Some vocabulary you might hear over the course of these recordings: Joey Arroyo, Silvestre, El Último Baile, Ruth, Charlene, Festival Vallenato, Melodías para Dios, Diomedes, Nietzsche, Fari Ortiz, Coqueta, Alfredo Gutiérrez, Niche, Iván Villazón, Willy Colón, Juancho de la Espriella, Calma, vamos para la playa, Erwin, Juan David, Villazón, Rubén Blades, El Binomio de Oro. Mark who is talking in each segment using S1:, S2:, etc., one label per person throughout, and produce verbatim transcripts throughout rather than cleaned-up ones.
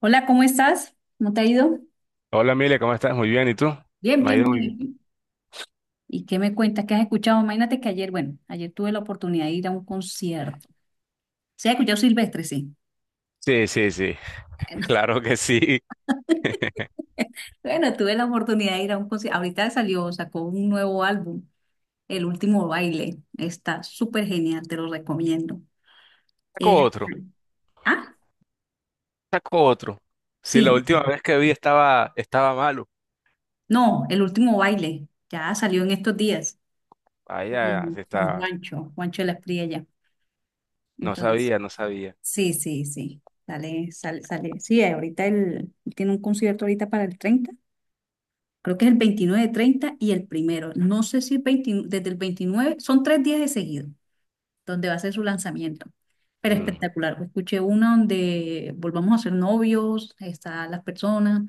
S1: Hola, ¿cómo estás? ¿Cómo te ha ido?
S2: Hola, Mile, ¿cómo estás? Muy bien, ¿y tú?
S1: Bien,
S2: Me ha
S1: bien,
S2: ido muy bien.
S1: bien. ¿Y qué me cuentas? ¿Qué has escuchado? Imagínate que ayer, bueno, ayer tuve la oportunidad de ir a un concierto. ¿Se ha escuchado Silvestre? Sí.
S2: Sí, sí, sí, claro que sí.
S1: Bueno, tuve la oportunidad de ir a un concierto. Ahorita salió, sacó un nuevo álbum, El Último Baile. Está súper genial, te lo recomiendo.
S2: Saco
S1: Eh,
S2: otro,
S1: ah,
S2: saco otro. Sí, la
S1: sí.
S2: última vez que vi estaba, estaba malo.
S1: No, El Último Baile. Ya salió en estos días
S2: Ahí ya
S1: con,
S2: se
S1: con
S2: está,
S1: Juancho, Juancho de la Espriella.
S2: no
S1: Entonces,
S2: sabía, no sabía.
S1: sí, sí, sí. Sale, sale, sale. Sí, ahorita él él tiene un concierto ahorita para el treinta. Creo que es el veintinueve, treinta y el primero. No sé si el veinte, desde el veintinueve son tres días de seguido donde va a ser su lanzamiento. Pero
S2: Mm. O
S1: espectacular. Escuché una donde volvamos a ser novios, están las personas.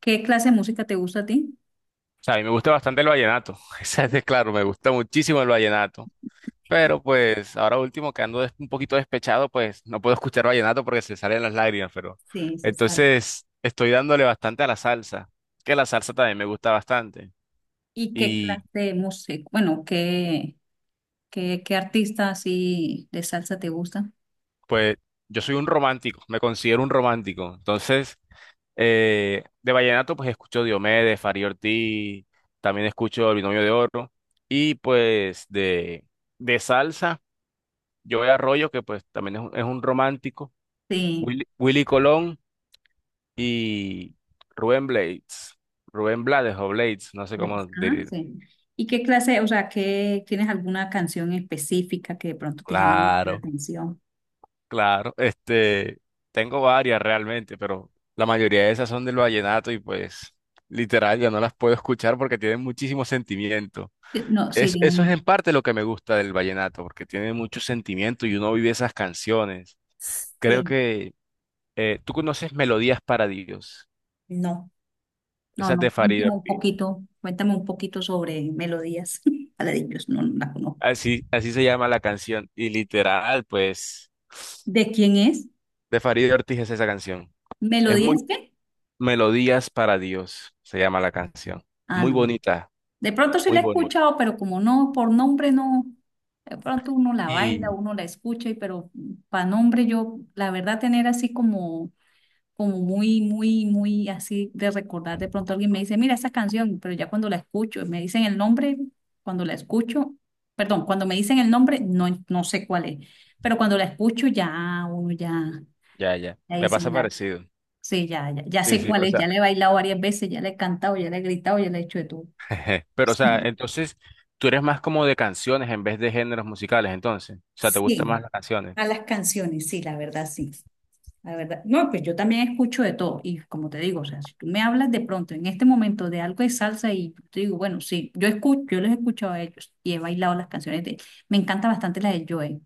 S1: ¿Qué clase de música te gusta a ti?
S2: sea, a mí me gusta bastante el vallenato, esa es de claro, me gusta muchísimo el vallenato. Pero pues ahora último que ando des- un poquito despechado, pues no puedo escuchar vallenato porque se salen las lágrimas, pero
S1: Sí, César.
S2: entonces estoy dándole bastante a la salsa, que la salsa también me gusta bastante.
S1: ¿Y qué clase de música? Bueno, ¿qué, qué, qué artista así de salsa te gusta?
S2: Pues yo soy un romántico, me considero un romántico. Entonces, eh, de vallenato, pues escucho Diomedes, Fari Ortiz, también escucho El Binomio de Oro. Y pues de, de salsa, Joey Arroyo, que pues también es un, es un romántico,
S1: Sí.
S2: Willy, Willy Colón y Rubén Blades, Rubén Blades o Blades, no sé cómo decir.
S1: Descansen. ¿Y qué clase, o sea, qué, tienes alguna canción específica que de pronto te llame la
S2: Claro.
S1: atención?
S2: Claro, este, tengo varias realmente, pero la mayoría de esas son del vallenato y pues literal ya no las puedo escuchar porque tienen muchísimo sentimiento.
S1: Eh, No, sí,
S2: Es, eso es
S1: tienen.
S2: en parte lo que me gusta del vallenato, porque tiene mucho sentimiento y uno vive esas canciones. Creo
S1: Sí,
S2: que eh, tú conoces Melodías para Dios,
S1: no. No,
S2: esas de
S1: no,
S2: Farid
S1: cuéntame un
S2: Ortiz.
S1: poquito, cuéntame un poquito sobre melodías. Paladillos, no, no la conozco.
S2: Así, así se llama la canción y literal, pues,
S1: ¿De quién es?
S2: de Farid Ortiz es esa canción. Es muy
S1: ¿Melodías qué?
S2: Melodías para Dios, se llama la canción.
S1: Ah,
S2: Muy
S1: no.
S2: bonita,
S1: De pronto sí
S2: muy
S1: la he
S2: bonita.
S1: escuchado, pero como no, por nombre no. De pronto uno la baila,
S2: Y
S1: uno la escucha, y pero para nombre yo, la verdad, tener así como como muy, muy, muy así de recordar. De pronto alguien me dice, mira esa canción, pero ya cuando la escucho, me dicen el nombre, cuando la escucho, perdón, cuando me dicen el nombre, no, no sé cuál es, pero cuando la escucho ya uno ya,
S2: ya, ya,
S1: ya
S2: me
S1: dice,
S2: pasa
S1: ya,
S2: parecido.
S1: sí, ya, ya, ya
S2: Sí,
S1: sé
S2: sí,
S1: cuál
S2: o
S1: es,
S2: sea,
S1: ya le he bailado varias veces, ya le he cantado, ya le he gritado, ya le he hecho de todo.
S2: pero o sea,
S1: Sí,
S2: entonces tú eres más como de canciones en vez de géneros musicales, entonces, o sea, te gustan más
S1: sí,
S2: las canciones.
S1: a las canciones, sí, la verdad, sí. La verdad, no, pues yo también escucho de todo y como te digo, o sea, si tú me hablas de pronto en este momento de algo de salsa y yo te digo, bueno, sí, yo escucho, yo los he escuchado a ellos y he bailado las canciones de. Me encanta bastante la de Joe,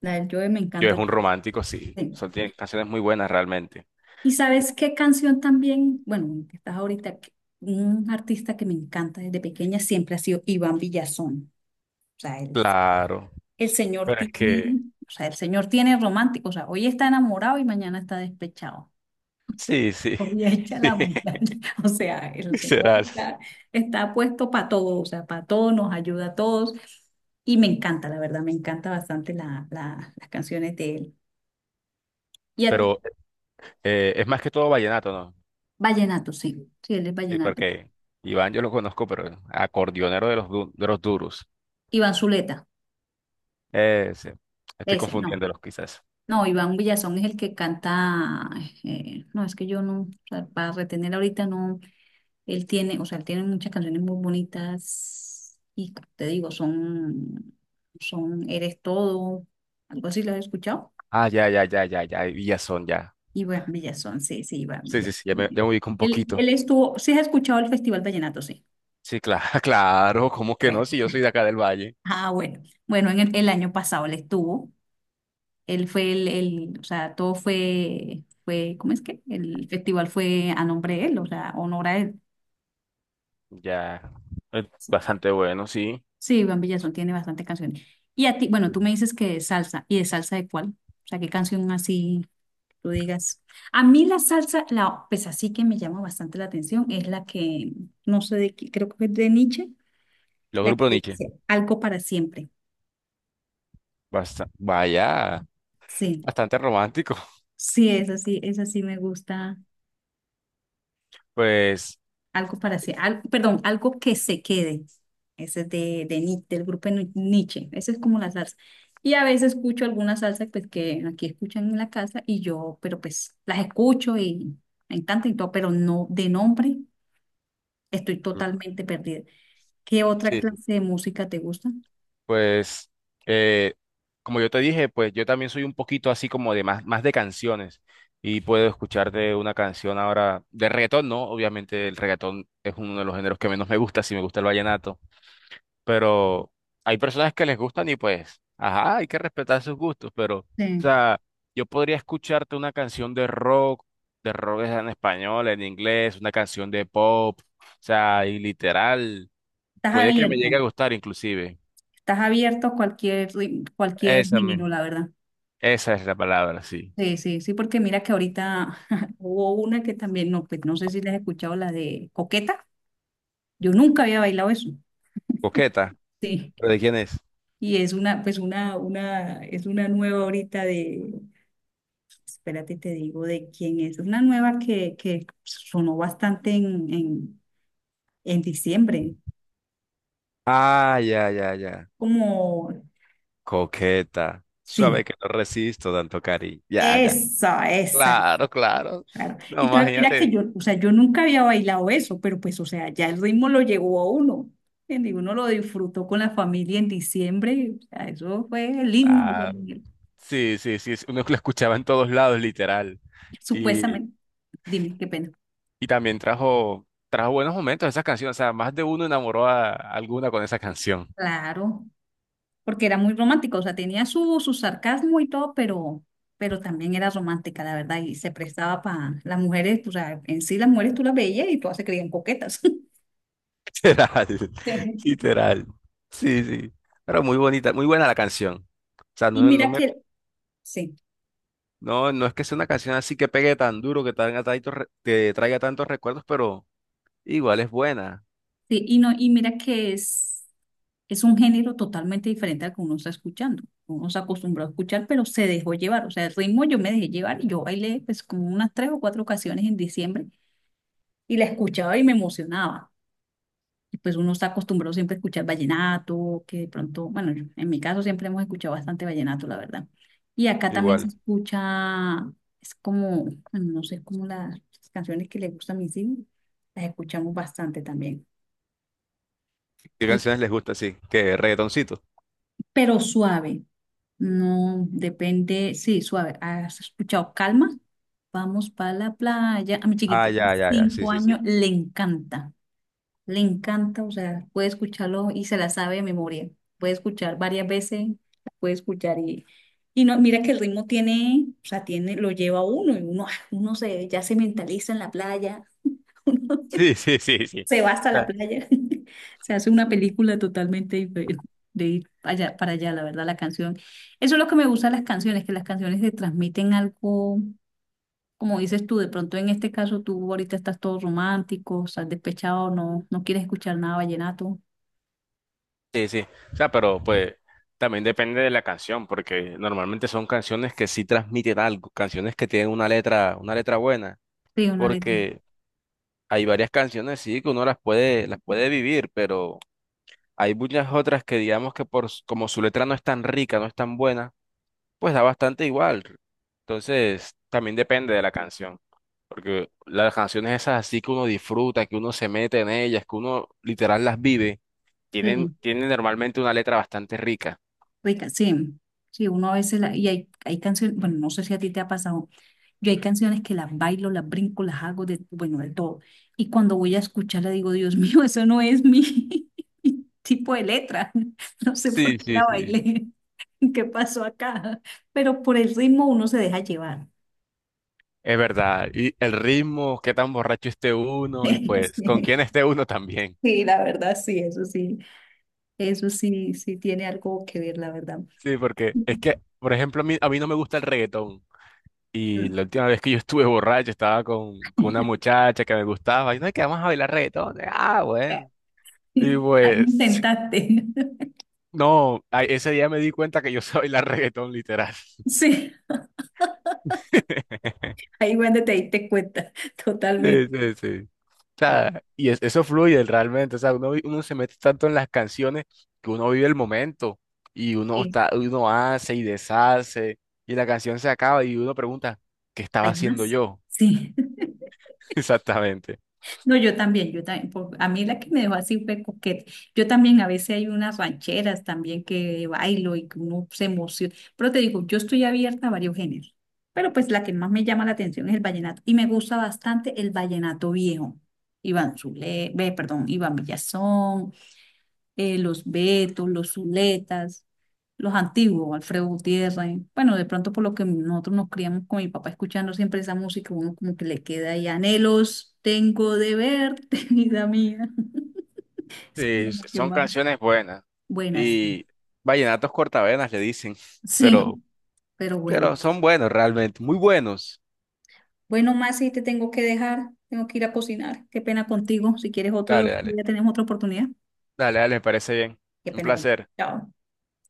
S1: la de Joe me
S2: Yo es
S1: encanta.
S2: un romántico, sí, o
S1: Sí.
S2: sea, tiene canciones muy buenas realmente.
S1: ¿Y sabes qué canción también? Bueno, que estás ahorita, que- un artista que me encanta desde pequeña siempre ha sido Iván Villazón. O sea, el,
S2: Claro,
S1: el señor
S2: pero es que,
S1: tiene, o sea, el señor tiene romántico, o sea, hoy está enamorado y mañana está despechado.
S2: sí, sí,
S1: Hecha
S2: sí,
S1: la montaña. O sea, el Señor
S2: literal.
S1: está, está puesto para todo, o sea, para todo, nos ayuda a todos. Y me encanta, la verdad, me encanta bastante la, la- las canciones de él. Y a-
S2: Pero eh, es más que todo vallenato, ¿no?
S1: Vallenato, sí, sí, él es
S2: Sí,
S1: Vallenato.
S2: porque Iván yo lo conozco, pero acordeonero de los, du- de los duros.
S1: Iván Zuleta,
S2: Ese sí, estoy
S1: ese, no.
S2: confundiéndolos quizás.
S1: No, Iván Villazón es el que canta, eh, no, es que yo no, o sea, para retener ahorita no, él tiene, o sea, él tiene muchas canciones muy bonitas y te digo, son, son Eres Todo, algo así, ¿lo has escuchado?
S2: Ah, ya, ya, ya, ya, ya, Villazón, ya. Son, ya.
S1: Iván Villazón, sí, sí, Iván
S2: Sí, sí, sí, ya me, ya
S1: Villazón.
S2: me ubico un
S1: Él,
S2: poquito.
S1: él estuvo, sí has escuchado el Festival Vallenato, sí.
S2: Sí, claro, claro, ¿cómo que no?
S1: Bueno,
S2: Si yo soy de acá del Valle.
S1: ah, bueno. Bueno, en el, el año pasado él estuvo. Él fue el, el- o sea, todo fue, fue, ¿cómo es que? El festival fue a nombre de él, o sea, honor a él.
S2: Ya, eh, bastante bueno, sí.
S1: Sí, Iván Villazón tiene bastantes canciones. Y a ti, bueno, tú
S2: Ujú.
S1: me dices que de salsa. ¿Y de salsa de cuál? O sea, ¿qué canción así tú digas? A mí la salsa, la, pues así que me llama bastante la atención, es la que, no sé de qué, creo que es de Nietzsche.
S2: Los
S1: La
S2: grupos Niche.
S1: experiencia algo para siempre.
S2: Basta, vaya,
S1: Sí,
S2: bastante romántico.
S1: sí, es así, es así, me gusta.
S2: Pues,
S1: Algo para siempre. Perdón, algo que se quede. Ese es de, de Ni- del grupo de Ni- Nietzsche. Esa es como la salsa. Y a veces escucho alguna salsa pues, que aquí escuchan en la casa y yo, pero pues las escucho y me encanta y todo, pero no de nombre estoy
S2: mm,
S1: totalmente perdida. ¿Qué otra
S2: sí, sí.
S1: clase de música te gusta?
S2: Pues, eh, como yo te dije, pues yo también soy un poquito así como de más, más de canciones. Y puedo escucharte una canción ahora de reggaetón, ¿no? Obviamente el reggaetón es uno de los géneros que menos me gusta, si me gusta el vallenato. Pero hay personas que les gustan y pues, ajá, hay que respetar sus gustos, pero, o
S1: Sí.
S2: sea, yo podría escucharte una canción de rock, de rock es en español, en inglés, una canción de pop, o sea, y literal,
S1: Estás
S2: puede que me llegue
S1: abierto,
S2: a gustar inclusive.
S1: estás abierto a cualquier, ri- cualquier
S2: Esa
S1: género,
S2: misma,
S1: la verdad.
S2: esa es la palabra, sí.
S1: Sí, sí, sí, porque mira que ahorita hubo una que también, no, pues no sé si la has escuchado, la de Coqueta. Yo nunca había bailado eso.
S2: Coqueta.
S1: Sí.
S2: ¿Pero de quién es?
S1: Y es una, pues una, una, es una nueva ahorita de, espérate, te digo de quién es. Es una nueva que, que sonó bastante en, en, en diciembre.
S2: Ah, ya, ya, ya.
S1: Como,
S2: Coqueta.
S1: sí,
S2: Suave que no resisto tanto cariño. Ya, ya.
S1: esa, esa.
S2: Claro, claro.
S1: Claro. Y
S2: No,
S1: tal, mira que
S2: imagínate.
S1: yo, o sea, yo nunca había bailado eso, pero pues, o sea, ya el ritmo lo llegó a uno. ¿Entiendes? Y uno lo disfrutó con la familia en diciembre. O sea, eso fue el himno. allá
S2: Ah,
S1: en el-
S2: sí, sí, sí, es- uno que lo escuchaba en todos lados, literal. Y,
S1: Supuestamente, dime qué pena.
S2: y también trajo, trajo buenos momentos esa canción, o sea, más de uno enamoró a alguna con esa canción.
S1: Claro, porque era muy romántico, o sea, tenía su, su sarcasmo y todo, pero, pero también era romántica, la verdad, y se prestaba para las mujeres, o sea, en sí las mujeres tú las veías y todas se creían coquetas.
S2: Literal,
S1: Sí.
S2: literal. Sí, sí. Pero muy bonita, muy buena la canción. O sea,
S1: Y
S2: no, no
S1: mira
S2: me,
S1: que, sí.
S2: no, no es que sea una canción así que pegue tan duro, que traiga tantos, re- que traiga tantos recuerdos, pero igual es buena.
S1: Sí, y no, y mira que es, es un género totalmente diferente al que uno está escuchando. Uno se acostumbró a escuchar, pero se dejó llevar. O sea, el ritmo yo me dejé llevar y yo bailé pues como unas tres o cuatro ocasiones en diciembre y la escuchaba y me emocionaba. Y pues uno está acostumbrado siempre a escuchar vallenato, que de pronto, bueno, yo- en mi caso siempre hemos escuchado bastante vallenato, la verdad. Y acá también se
S2: Igual.
S1: escucha, es como, bueno, no sé, como las canciones que le gustan a mis hijos, las escuchamos bastante también.
S2: ¿Qué
S1: Y,
S2: canciones les gusta así? ¿Qué? ¿Reggaetoncito?
S1: pero suave. No, depende, sí, suave. ¿Has escuchado? Calma, vamos para la playa. A mi
S2: Ah,
S1: chiquitito de
S2: ya, ya, ya. Sí,
S1: cinco
S2: sí, sí.
S1: años le encanta, le encanta, o sea, puede escucharlo y se la sabe de memoria. Puede escuchar varias veces, puede escuchar y, y no, mira que el ritmo tiene, o sea, tiene, lo lleva a uno y uno, ah, uno se, ya se mentaliza en la playa.
S2: Sí, sí, sí, sí.
S1: Se va hasta la playa. Se hace una película totalmente diferente de ir allá, para allá, la verdad, la canción. Eso es lo que me gusta de las canciones, que las canciones te transmiten algo, como dices tú, de pronto en este caso tú ahorita estás todo romántico, estás despechado, no, no quieres escuchar nada vallenato.
S2: Sí, sí. O sea, pero pues también depende de la canción, porque normalmente son canciones que sí transmiten algo, canciones que tienen una letra, una letra buena,
S1: Sí, una letra.
S2: porque hay varias canciones sí que uno las puede, las puede vivir, pero hay muchas otras que digamos que por s- como su letra no es tan rica, no es tan buena, pues da bastante igual. Entonces, también depende de la canción, porque las canciones esas así que uno disfruta, que uno se mete en ellas, que uno literal las vive, tienen,
S1: Sí,
S2: tienen normalmente una letra bastante rica.
S1: rica, sí. Sí, uno a veces, la, y hay, hay canciones, bueno, no sé si a ti te ha pasado. Yo hay canciones que las bailo, las brinco, las hago de, bueno, de todo. Y cuando voy a escucharla digo, Dios mío, eso no es mi tipo de letra. No sé por
S2: Sí,
S1: qué
S2: sí,
S1: la
S2: sí,
S1: bailé, qué pasó acá. Pero por el ritmo uno se deja llevar.
S2: es verdad. Y el ritmo, qué tan borracho esté uno y pues con
S1: Sí,
S2: quién esté uno también.
S1: sí, la verdad, sí, eso sí. Eso sí, sí tiene algo que ver, la verdad.
S2: Sí, porque es que, por ejemplo, a mí, a mí no me gusta el reggaetón. Y la última vez que yo estuve borracho estaba con, con una muchacha que me gustaba y no, que vamos a bailar reggaetón. Ah, bueno. Y
S1: Ahí
S2: pues,
S1: intentaste.
S2: no, ay, ese día me di cuenta que yo sabía bailar reggaetón literal.
S1: Sí, ahí cuando te diste cuenta, totalmente.
S2: Sí, sí, sí. O
S1: Ah,
S2: sea, y es- eso fluye realmente. O sea, uno, vi- uno se mete tanto en las canciones que uno vive el momento y uno
S1: sí.
S2: está, uno hace y deshace y la canción se acaba y uno pregunta, ¿qué estaba
S1: ¿Hay
S2: haciendo
S1: más?
S2: yo?
S1: Sí.
S2: Exactamente.
S1: No, yo también, yo también, por- a mí la que me dejó así fue coquete. Yo también a veces hay unas rancheras también que bailo y que uno se emociona. Pero te digo, yo estoy abierta a varios géneros. Pero pues la que más me llama la atención es el vallenato. Y me gusta bastante el vallenato viejo. Iván Zule, ve, perdón, Iván Villazón, eh, los Betos, los Zuletas, los antiguos, Alfredo Gutiérrez. Bueno, de pronto por lo que nosotros nos criamos con mi papá escuchando siempre esa música, uno como que le queda ahí anhelos, tengo de verte, vida mía. Es
S2: Sí,
S1: como lo
S2: s-
S1: que
S2: son
S1: más.
S2: canciones buenas.
S1: Buenas.
S2: Y vallenatos cortavenas le dicen, pero,
S1: Sí, pero buenas.
S2: pero son buenos realmente, muy buenos.
S1: Bueno, Masi, te tengo que dejar, tengo que ir a cocinar. Qué pena contigo. Si quieres otro,
S2: Dale, dale,
S1: ya tenemos otra oportunidad.
S2: dale, dale, me parece bien.
S1: Qué
S2: Un
S1: pena contigo.
S2: placer.
S1: Chao.